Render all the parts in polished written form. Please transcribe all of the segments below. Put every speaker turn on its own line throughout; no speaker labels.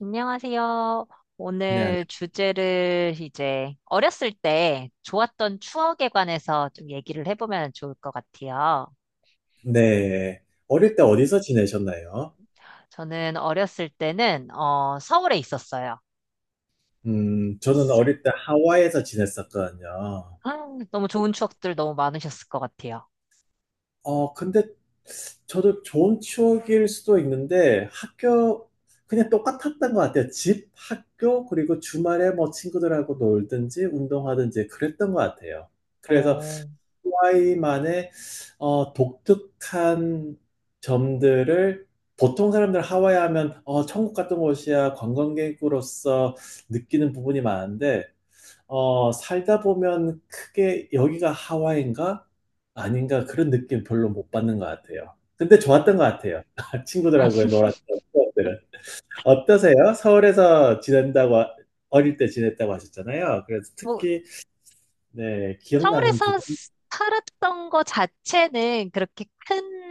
안녕하세요.
네, 안녕.
오늘 주제를 이제 어렸을 때 좋았던 추억에 관해서 좀 얘기를 해보면 좋을 것 같아요.
네. 어릴 때 어디서 지내셨나요?
저는 어렸을 때는 서울에 있었어요.
저는
서-
어릴 때 하와이에서 지냈었거든요.
아, 너무 좋은 추억들 너무 많으셨을 것 같아요.
근데 저도 좋은 추억일 수도 있는데 학교 그냥 똑같았던 것 같아요. 집, 학교, 그리고 주말에 뭐 친구들하고 놀든지 운동하든지 그랬던 것 같아요. 그래서
어,
하와이만의 독특한 점들을 보통 사람들 하와이 하면 천국 같은 곳이야 관광객으로서 느끼는 부분이 많은데 살다 보면 크게 여기가 하와이인가 아닌가 그런 느낌 별로 못 받는 것 같아요. 근데 좋았던 것 같아요. 친구들하고 놀았던 추억들은. 어떠세요? 서울에서 지낸다고 어릴 때 지냈다고 하셨잖아요. 그래서
뭐
특히 네, 기억나는
서울에서
부분.
살았던 거 자체는 그렇게 큰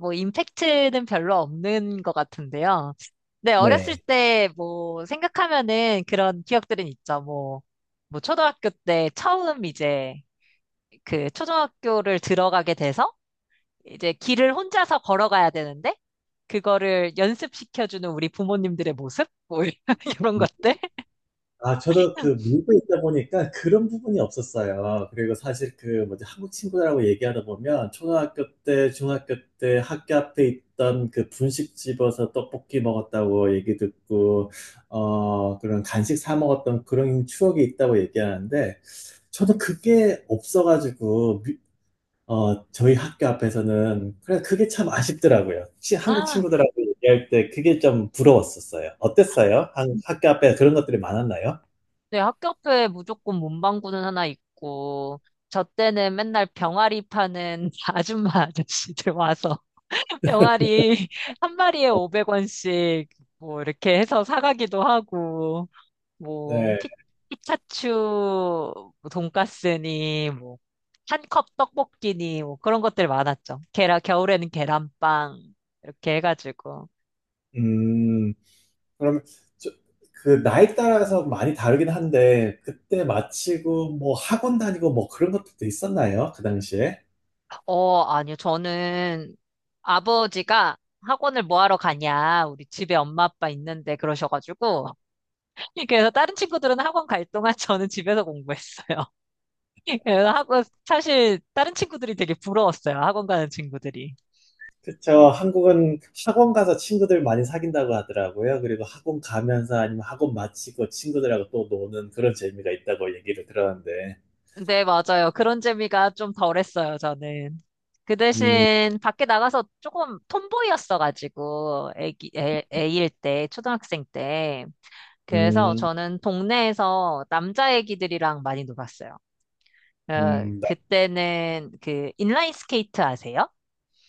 뭐 임팩트는 별로 없는 것 같은데요. 네, 어렸을
네.
때 뭐 생각하면은 그런 기억들은 있죠. 뭐, 뭐 초등학교 때 처음 이제 그 초등학교를 들어가게 돼서 이제 길을 혼자서 걸어가야 되는데 그거를 연습시켜주는 우리 부모님들의 모습? 뭐 이런 것들?
아, 저도 그 밀고 있다 보니까 그런 부분이 없었어요. 그리고 사실 그 뭐지 한국 친구들하고 얘기하다 보면 초등학교 때, 중학교 때 학교 앞에 있던 그 분식집에서 떡볶이 먹었다고 얘기 듣고 그런 간식 사 먹었던 그런 추억이 있다고 얘기하는데 저도 그게 없어가지고 저희 학교 앞에서는 그래 그게 참 아쉽더라고요. 한국 친구들하고 얘기할 때 그게 좀 부러웠었어요. 어땠어요? 한 학교 앞에 그런 것들이 많았나요?
네, 학교 앞에 무조건 문방구는 하나 있고, 저 때는 맨날 병아리 파는 아줌마 아저씨들 와서 병아리 한 마리에 500원씩 뭐 이렇게 해서 사가기도 하고, 뭐
네.
피, 피타츄 돈가스니 뭐 한 컵 떡볶이니 뭐 그런 것들 많았죠. 계란, 겨울에는 계란빵 이렇게 해가지고.
음. 그러면 저 그 나이 따라서 많이 다르긴 한데 그때 마치고 뭐 학원 다니고 뭐 그런 것들도 있었나요? 그 당시에?
어, 아니요. 저는 아버지가 학원을 뭐 하러 가냐. 우리 집에 엄마 아빠 있는데 그러셔가지고. 그래서 다른 친구들은 학원 갈 동안 저는 집에서 공부했어요. 그래서 학원, 사실 다른 친구들이 되게 부러웠어요. 학원 가는 친구들이.
그쵸. 한국은 학원 가서 친구들 많이 사귄다고 하더라고요. 그리고 학원 가면서 아니면 학원 마치고 친구들하고 또 노는 그런 재미가 있다고 얘기를 들었는데.
네, 맞아요. 그런 재미가 좀 덜했어요, 저는. 그
음,
대신 밖에 나가서 조금 톰보이였어가지고, 애일 때, 초등학생 때. 그래서
음,
저는 동네에서 남자 애기들이랑 많이 놀았어요. 어,
음.
그때는 그 인라인 스케이트 아세요?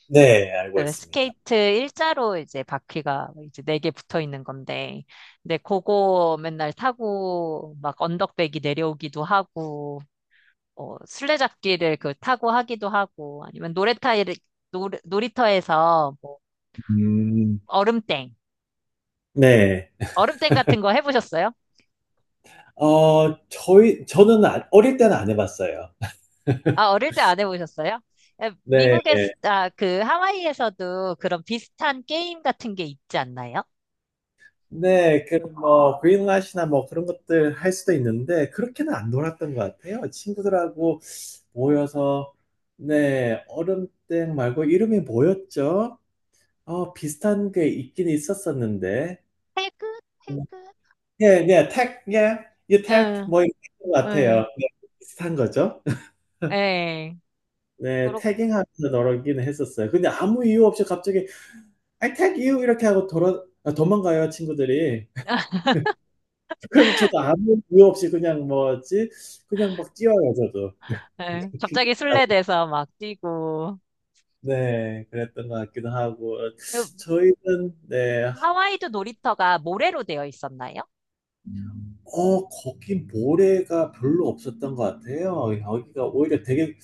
네, 알고
그
있습니다.
스케이트 일자로 이제 바퀴가 이제 네 개 붙어 있는 건데, 근데 그거 맨날 타고 막 언덕배기 내려오기도 하고 술래잡기를 그 타고 하기도 하고 아니면 노래타일 놀이터에서 뭐
음,
얼음땡
네.
얼음땡 같은 거 해보셨어요?
저는 어릴 때는 안 해봤어요.
아 어릴 때 안 해보셨어요?
네.
미국에 아그 하와이에서도 그런 비슷한 게임 같은 게 있지 않나요?
네, 그, 뭐, 그린라시나 뭐 그런 것들 할 수도 있는데, 그렇게는 안 놀았던 것 같아요. 친구들하고 모여서, 네, 얼음땡 말고 이름이 뭐였죠? 비슷한 게 있긴 있었었는데.
해그 해그
네, 네, 택, 예, 이 택,
응,
뭐, 이런 것 같아요.
응,
네, 비슷한 거죠?
예,
네,
그렇,
태깅하면서 널어기는 했었어요. 근데 아무 이유 없이 갑자기 I tag you 이렇게 하고 돌아 아 도망가요, 친구들이. 그럼 저도 아무 이유 없이 그냥 뭐지 그냥 막 뛰어요, 저도.
예. 갑자기 술래돼서 막 뛰고.
네, 그랬던 것 같기도 하고.
그
저희는 네
하와이도 놀이터가 모래로 되어 있었나요?
거기 모래가 별로 없었던 것 같아요. 여기가 오히려 되게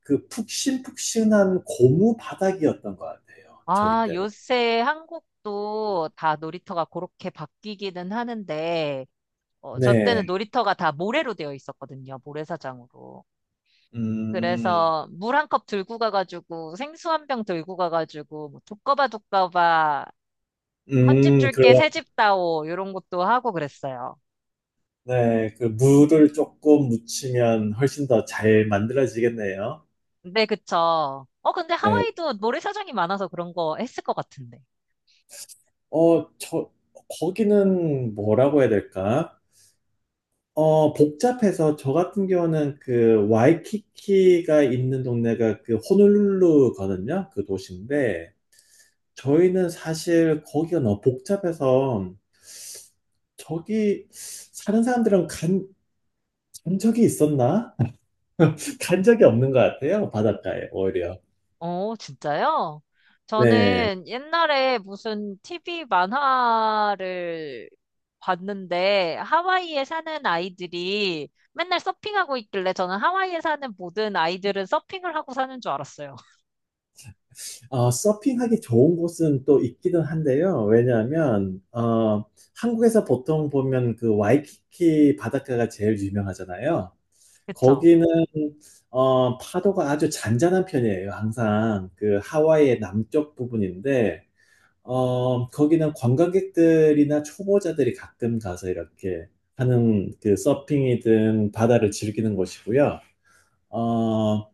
그 푹신푹신한 고무 바닥이었던 것 같아요, 저희
아,
때는.
요새 한국도 다 놀이터가 그렇게 바뀌기는 하는데, 저 때는
네.
놀이터가 다 모래로 되어 있었거든요. 모래사장으로.
음.
그래서 물 한 컵 들고 가가지고 생수 한 병 들고 가가지고 뭐 두꺼바 헌집 줄게
그런
새집 다오 이런 것도 하고 그랬어요.
네, 그 물을 조금 묻히면 훨씬 더 잘 만들어지겠네요.
네 그쵸. 어 근데
네,
하와이도 모래사장이 많아서 그런 거 했을 것 같은데.
저, 거기는 뭐라고 해야 될까? 복잡해서 저 같은 경우는 그 와이키키가 있는 동네가 그 호놀룰루거든요. 그 도시인데 저희는 사실 거기가 너무 복잡해서 저기 사는 사람들은 간 적이 있었나? 간 적이 없는 것 같아요. 바닷가에 오히려.
어, 진짜요?
네.
저는 옛날에 무슨 TV 만화를 봤는데 하와이에 사는 아이들이 맨날 서핑하고 있길래 저는 하와이에 사는 모든 아이들은 서핑을 하고 사는 줄 알았어요.
서핑하기 좋은 곳은 또 있기는 한데요. 왜냐하면, 한국에서 보통 보면 그 와이키키 바닷가가 제일 유명하잖아요.
그쵸?
거기는, 파도가 아주 잔잔한 편이에요. 항상 그 하와이의 남쪽 부분인데, 거기는 관광객들이나 초보자들이 가끔 가서 이렇게 하는 그 서핑이든 바다를 즐기는 곳이고요. 어,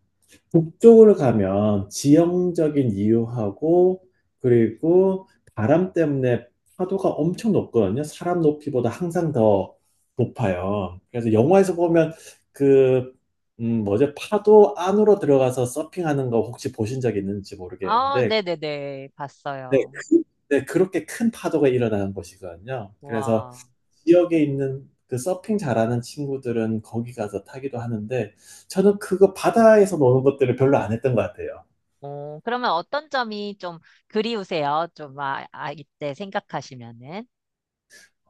북쪽으로 가면 지형적인 이유하고 그리고 바람 때문에 파도가 엄청 높거든요. 사람 높이보다 항상 더 높아요. 그래서 영화에서 보면 그, 뭐죠? 파도 안으로 들어가서 서핑하는 거 혹시 보신 적 있는지
아,
모르겠는데
네네네.
네,
봤어요.
그, 네, 그렇게 큰 파도가 일어나는 곳이거든요. 그래서
와.
지역에 있는 그 서핑 잘하는 친구들은 거기 가서 타기도 하는데, 저는 그거 바다에서 노는 것들을 별로 안 했던 것 같아요.
어, 그러면 어떤 점이 좀 그리우세요? 좀 이때 생각하시면은.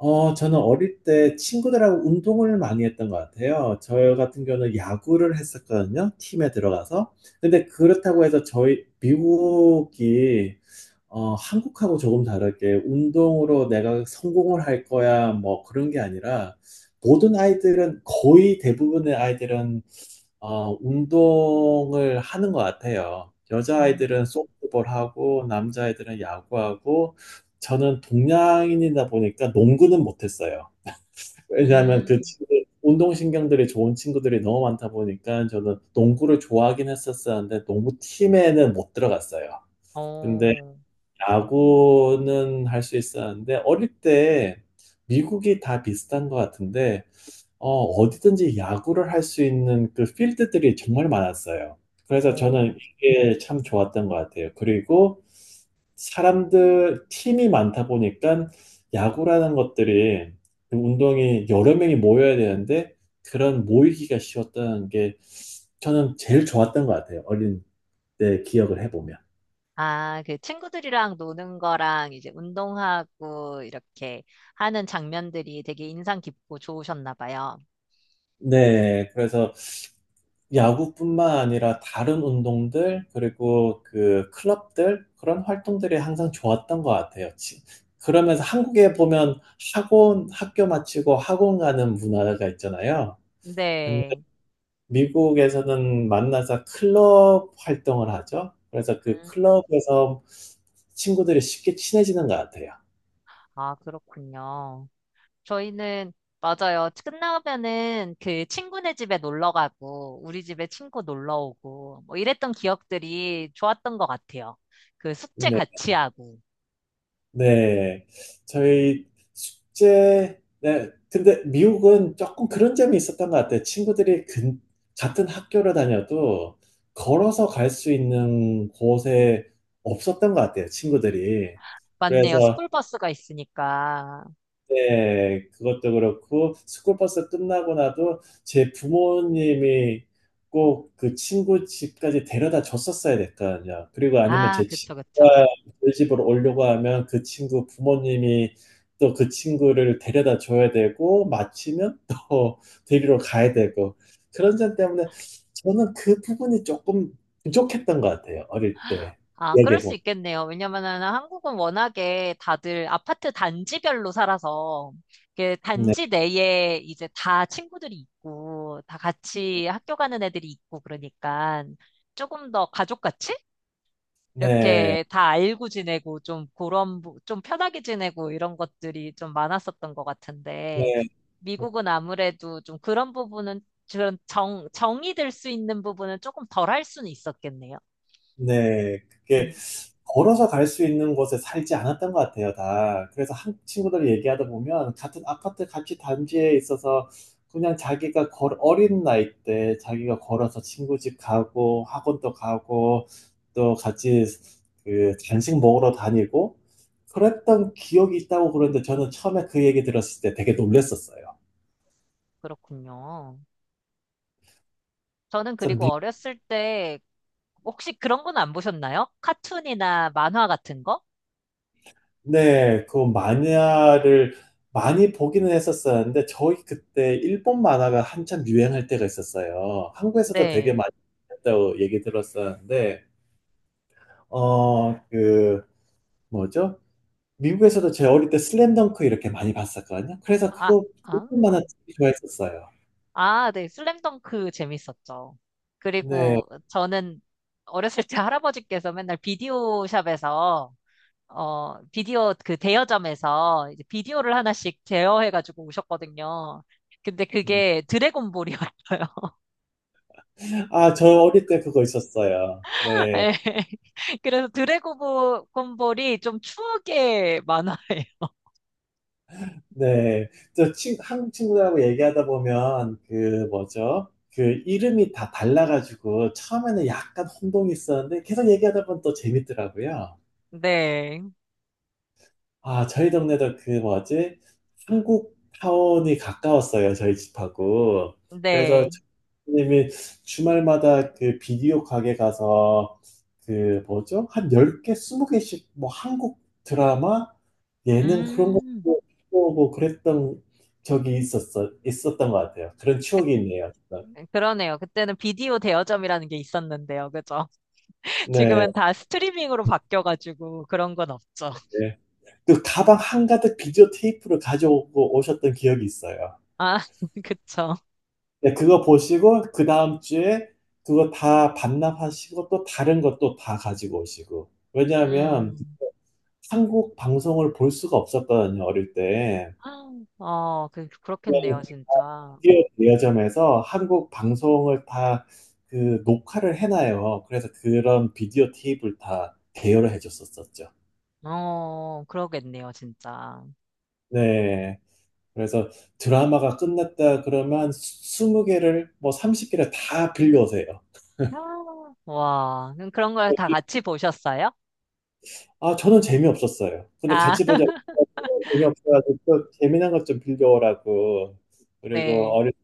저는 어릴 때 친구들하고 운동을 많이 했던 것 같아요. 저 같은 경우는 야구를 했었거든요. 팀에 들어가서. 근데 그렇다고 해서 미국이 한국하고 조금 다르게 운동으로 내가 성공을 할 거야, 뭐 그런 게 아니라 모든 아이들은 거의 대부분의 아이들은 운동을 하는 것 같아요.
음,
여자아이들은 소프트볼하고 남자아이들은 야구하고 저는 동양인이다 보니까 농구는 못했어요. 왜냐하면 그
음,
친구들, 운동신경들이 좋은 친구들이 너무 많다 보니까 저는 농구를 좋아하긴 했었었는데 농구팀에는 못 들어갔어요. 근데
어,
야구는 할 수 있었는데 어릴 때 미국이 다 비슷한 것 같은데 어디든지 야구를 할 수 있는 그 필드들이 정말 많았어요. 그래서
어.
저는 이게 참 좋았던 것 같아요. 그리고 사람들 팀이 많다 보니까 야구라는 것들이 그 운동이 여러 명이 모여야 되는데 그런 모이기가 쉬웠다는 게 저는 제일 좋았던 것 같아요. 어린 때 기억을 해보면.
아, 그 친구들이랑 노는 거랑 이제 운동하고 이렇게 하는 장면들이 되게 인상 깊고 좋으셨나 봐요.
네, 그래서 야구뿐만 아니라 다른 운동들, 그리고 그 클럽들, 그런 활동들이 항상 좋았던 것 같아요. 그러면서 한국에 보면 학원, 학교 마치고 학원 가는 문화가 있잖아요. 근데
네.
미국에서는 만나서 클럽 활동을 하죠. 그래서 그
음.
클럽에서 친구들이 쉽게 친해지는 것 같아요.
아, 그렇군요. 저희는, 맞아요. 끝나면은 그 친구네 집에 놀러 가고, 우리 집에 친구 놀러 오고, 뭐 이랬던 기억들이 좋았던 것 같아요. 그 숙제
네.
같이 하고.
네, 저희 숙제, 네, 근데 미국은 조금 그런 점이 있었던 것 같아요. 같은 학교를 다녀도 걸어서 갈 수 있는 곳에 없었던 것 같아요, 친구들이.
맞네요.
그래서
스쿨버스가 있으니까.
네, 그것도 그렇고 스쿨버스 끝나고 나도 제 부모님이 꼭 그 친구 집까지 데려다 줬었어야 됐거든요. 그리고 아니면
아,
제
그쵸, 그쵸.
친구가 저희 집으로 오려고 하면 그 친구 부모님이 또 그 친구를 데려다 줘야 되고 마치면 또 데리러 가야 되고 그런 점 때문에 저는 그 부분이 조금 부족했던 것 같아요. 어릴 때
아, 그럴
얘기해
수
보면.
있겠네요. 왜냐면은 한국은 워낙에 다들 아파트 단지별로 살아서 그
네,
단지 내에 이제 다 친구들이 있고 다 같이 학교 가는 애들이 있고 그러니까 조금 더 가족같이
네,
이렇게 다 알고 지내고 좀 그런 좀 편하게 지내고 이런 것들이 좀 많았었던 것 같은데
네.
미국은 아무래도 좀 그런 부분은 그런 정 정이 들 수 있는 부분은 조금 덜 할 수는 있었겠네요.
네, 그게
음,
걸어서 갈 수 있는 곳에 살지 않았던 것 같아요, 다. 그래서 한 친구들 얘기하다 보면 같은 아파트 같이 단지에 있어서 그냥 자기가 걸, 어린 나이 때 자기가 걸어서 친구 집 가고 학원도 가고 또 같이 그 간식 먹으러 다니고 그랬던 기억이 있다고 그러는데 저는 처음에 그 얘기 들었을 때 되게 놀랬었어요.
그렇군요. 저는 그리고 어렸을 때 혹시 그런 건 안 보셨나요? 카툰이나 만화 같은 거?
네, 그 만화를 많이 보기는 했었었는데, 저희 그때 일본 만화가 한참 유행할 때가 있었어요. 한국에서도 되게
네.
많이 했다고 얘기 들었었는데, 어, 그, 뭐죠? 미국에서도 제 어릴 때 슬램덩크 이렇게 많이 봤었거든요. 그래서
아,
그거
아,
일본 만화 되게 좋아했었어요.
아, 네. 슬램덩크 재밌었죠.
네.
그리고 저는 어렸을 때 할아버지께서 맨날 비디오 샵에서 비디오 그 대여점에서 이제 비디오를 하나씩 제어해가지고 오셨거든요. 근데
음.
그게 드래곤볼이었어요.
아, 저 어릴 때 그거 있었어요. 네.
네. 그래서 드래곤볼이 좀 추억의 만화예요.
네, 저 친, 한국 친구들하고 얘기하다 보면 그 뭐죠? 그 이름이 다 달라가지고 처음에는 약간 혼동이 있었는데 계속 얘기하다 보면 또 재밌더라고요.
네.
아, 저희 동네도 그 뭐지? 한국 타운이 가까웠어요, 저희 집하고. 그래서
네.
님이 주말마다 그 비디오 가게 가서 그 뭐죠? 한 10개, 20개씩 뭐 한국 드라마, 예능 그런 거
음.
보고 그랬던 있었던 것 같아요. 그런 추억이 있네요.
그러네요. 그때는 비디오 대여점이라는 게 있었는데요. 그죠?
네.
지금은 다 스트리밍으로 바뀌어가지고 그런 건 없죠.
네. 그 가방 한가득 비디오 테이프를 가져오고 오셨던 기억이 있어요.
아, 그쵸.
네, 그거 보시고 그 다음 주에 그거 다 반납하시고 또 다른 것도 다 가지고 오시고. 왜냐하면
음.
한국 방송을 볼 수가 없었거든요, 어릴 때.
어,
그냥
그렇겠네요, 진짜.
디오 대여점에서 한국 방송을 다 그 녹화를 해놔요. 그래서 그런 비디오 테이프를 다 대여를 해줬었었죠.
어, 그러겠네요, 진짜.
네. 그래서 드라마가 끝났다 그러면 20개를 뭐 30개를 다 빌려오세요.
아, 와, 그럼 그런 걸 다 같이 보셨어요?
아, 저는 재미없었어요. 근데
아,
같이 보자고 해가지고 재미없어가지고 또 재미난 것 좀 빌려오라고. 그리고
네,
어릴 때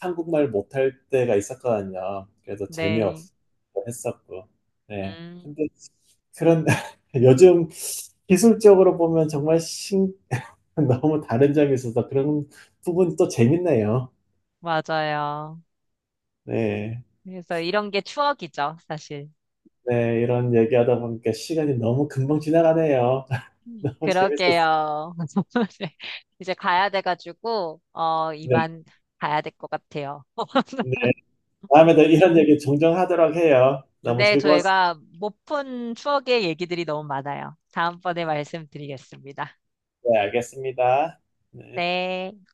한국말 못할 때가 있었거든요. 그래서
네.
재미없어 했었고. 네.
음,
근데 그런 요즘 기술적으로 보면 정말 신 너무 다른 점이 있어서 그런 부분이 또 재밌네요.
맞아요.
네.
그래서 이런 게 추억이죠, 사실.
네, 이런 얘기하다 보니까 시간이 너무 금방 지나가네요. 너무 재밌었어요.
그러게요. 네. 이제 가야 돼가지고, 어,
네.
이만 가야 될 것 같아요.
네. 다음에도 이런 얘기 종종 하도록 해요. 너무
근데
즐거웠습니다.
저희가 못 푼 추억의 얘기들이 너무 많아요. 다음번에 말씀드리겠습니다.
네, 알겠습니다. 네.
네.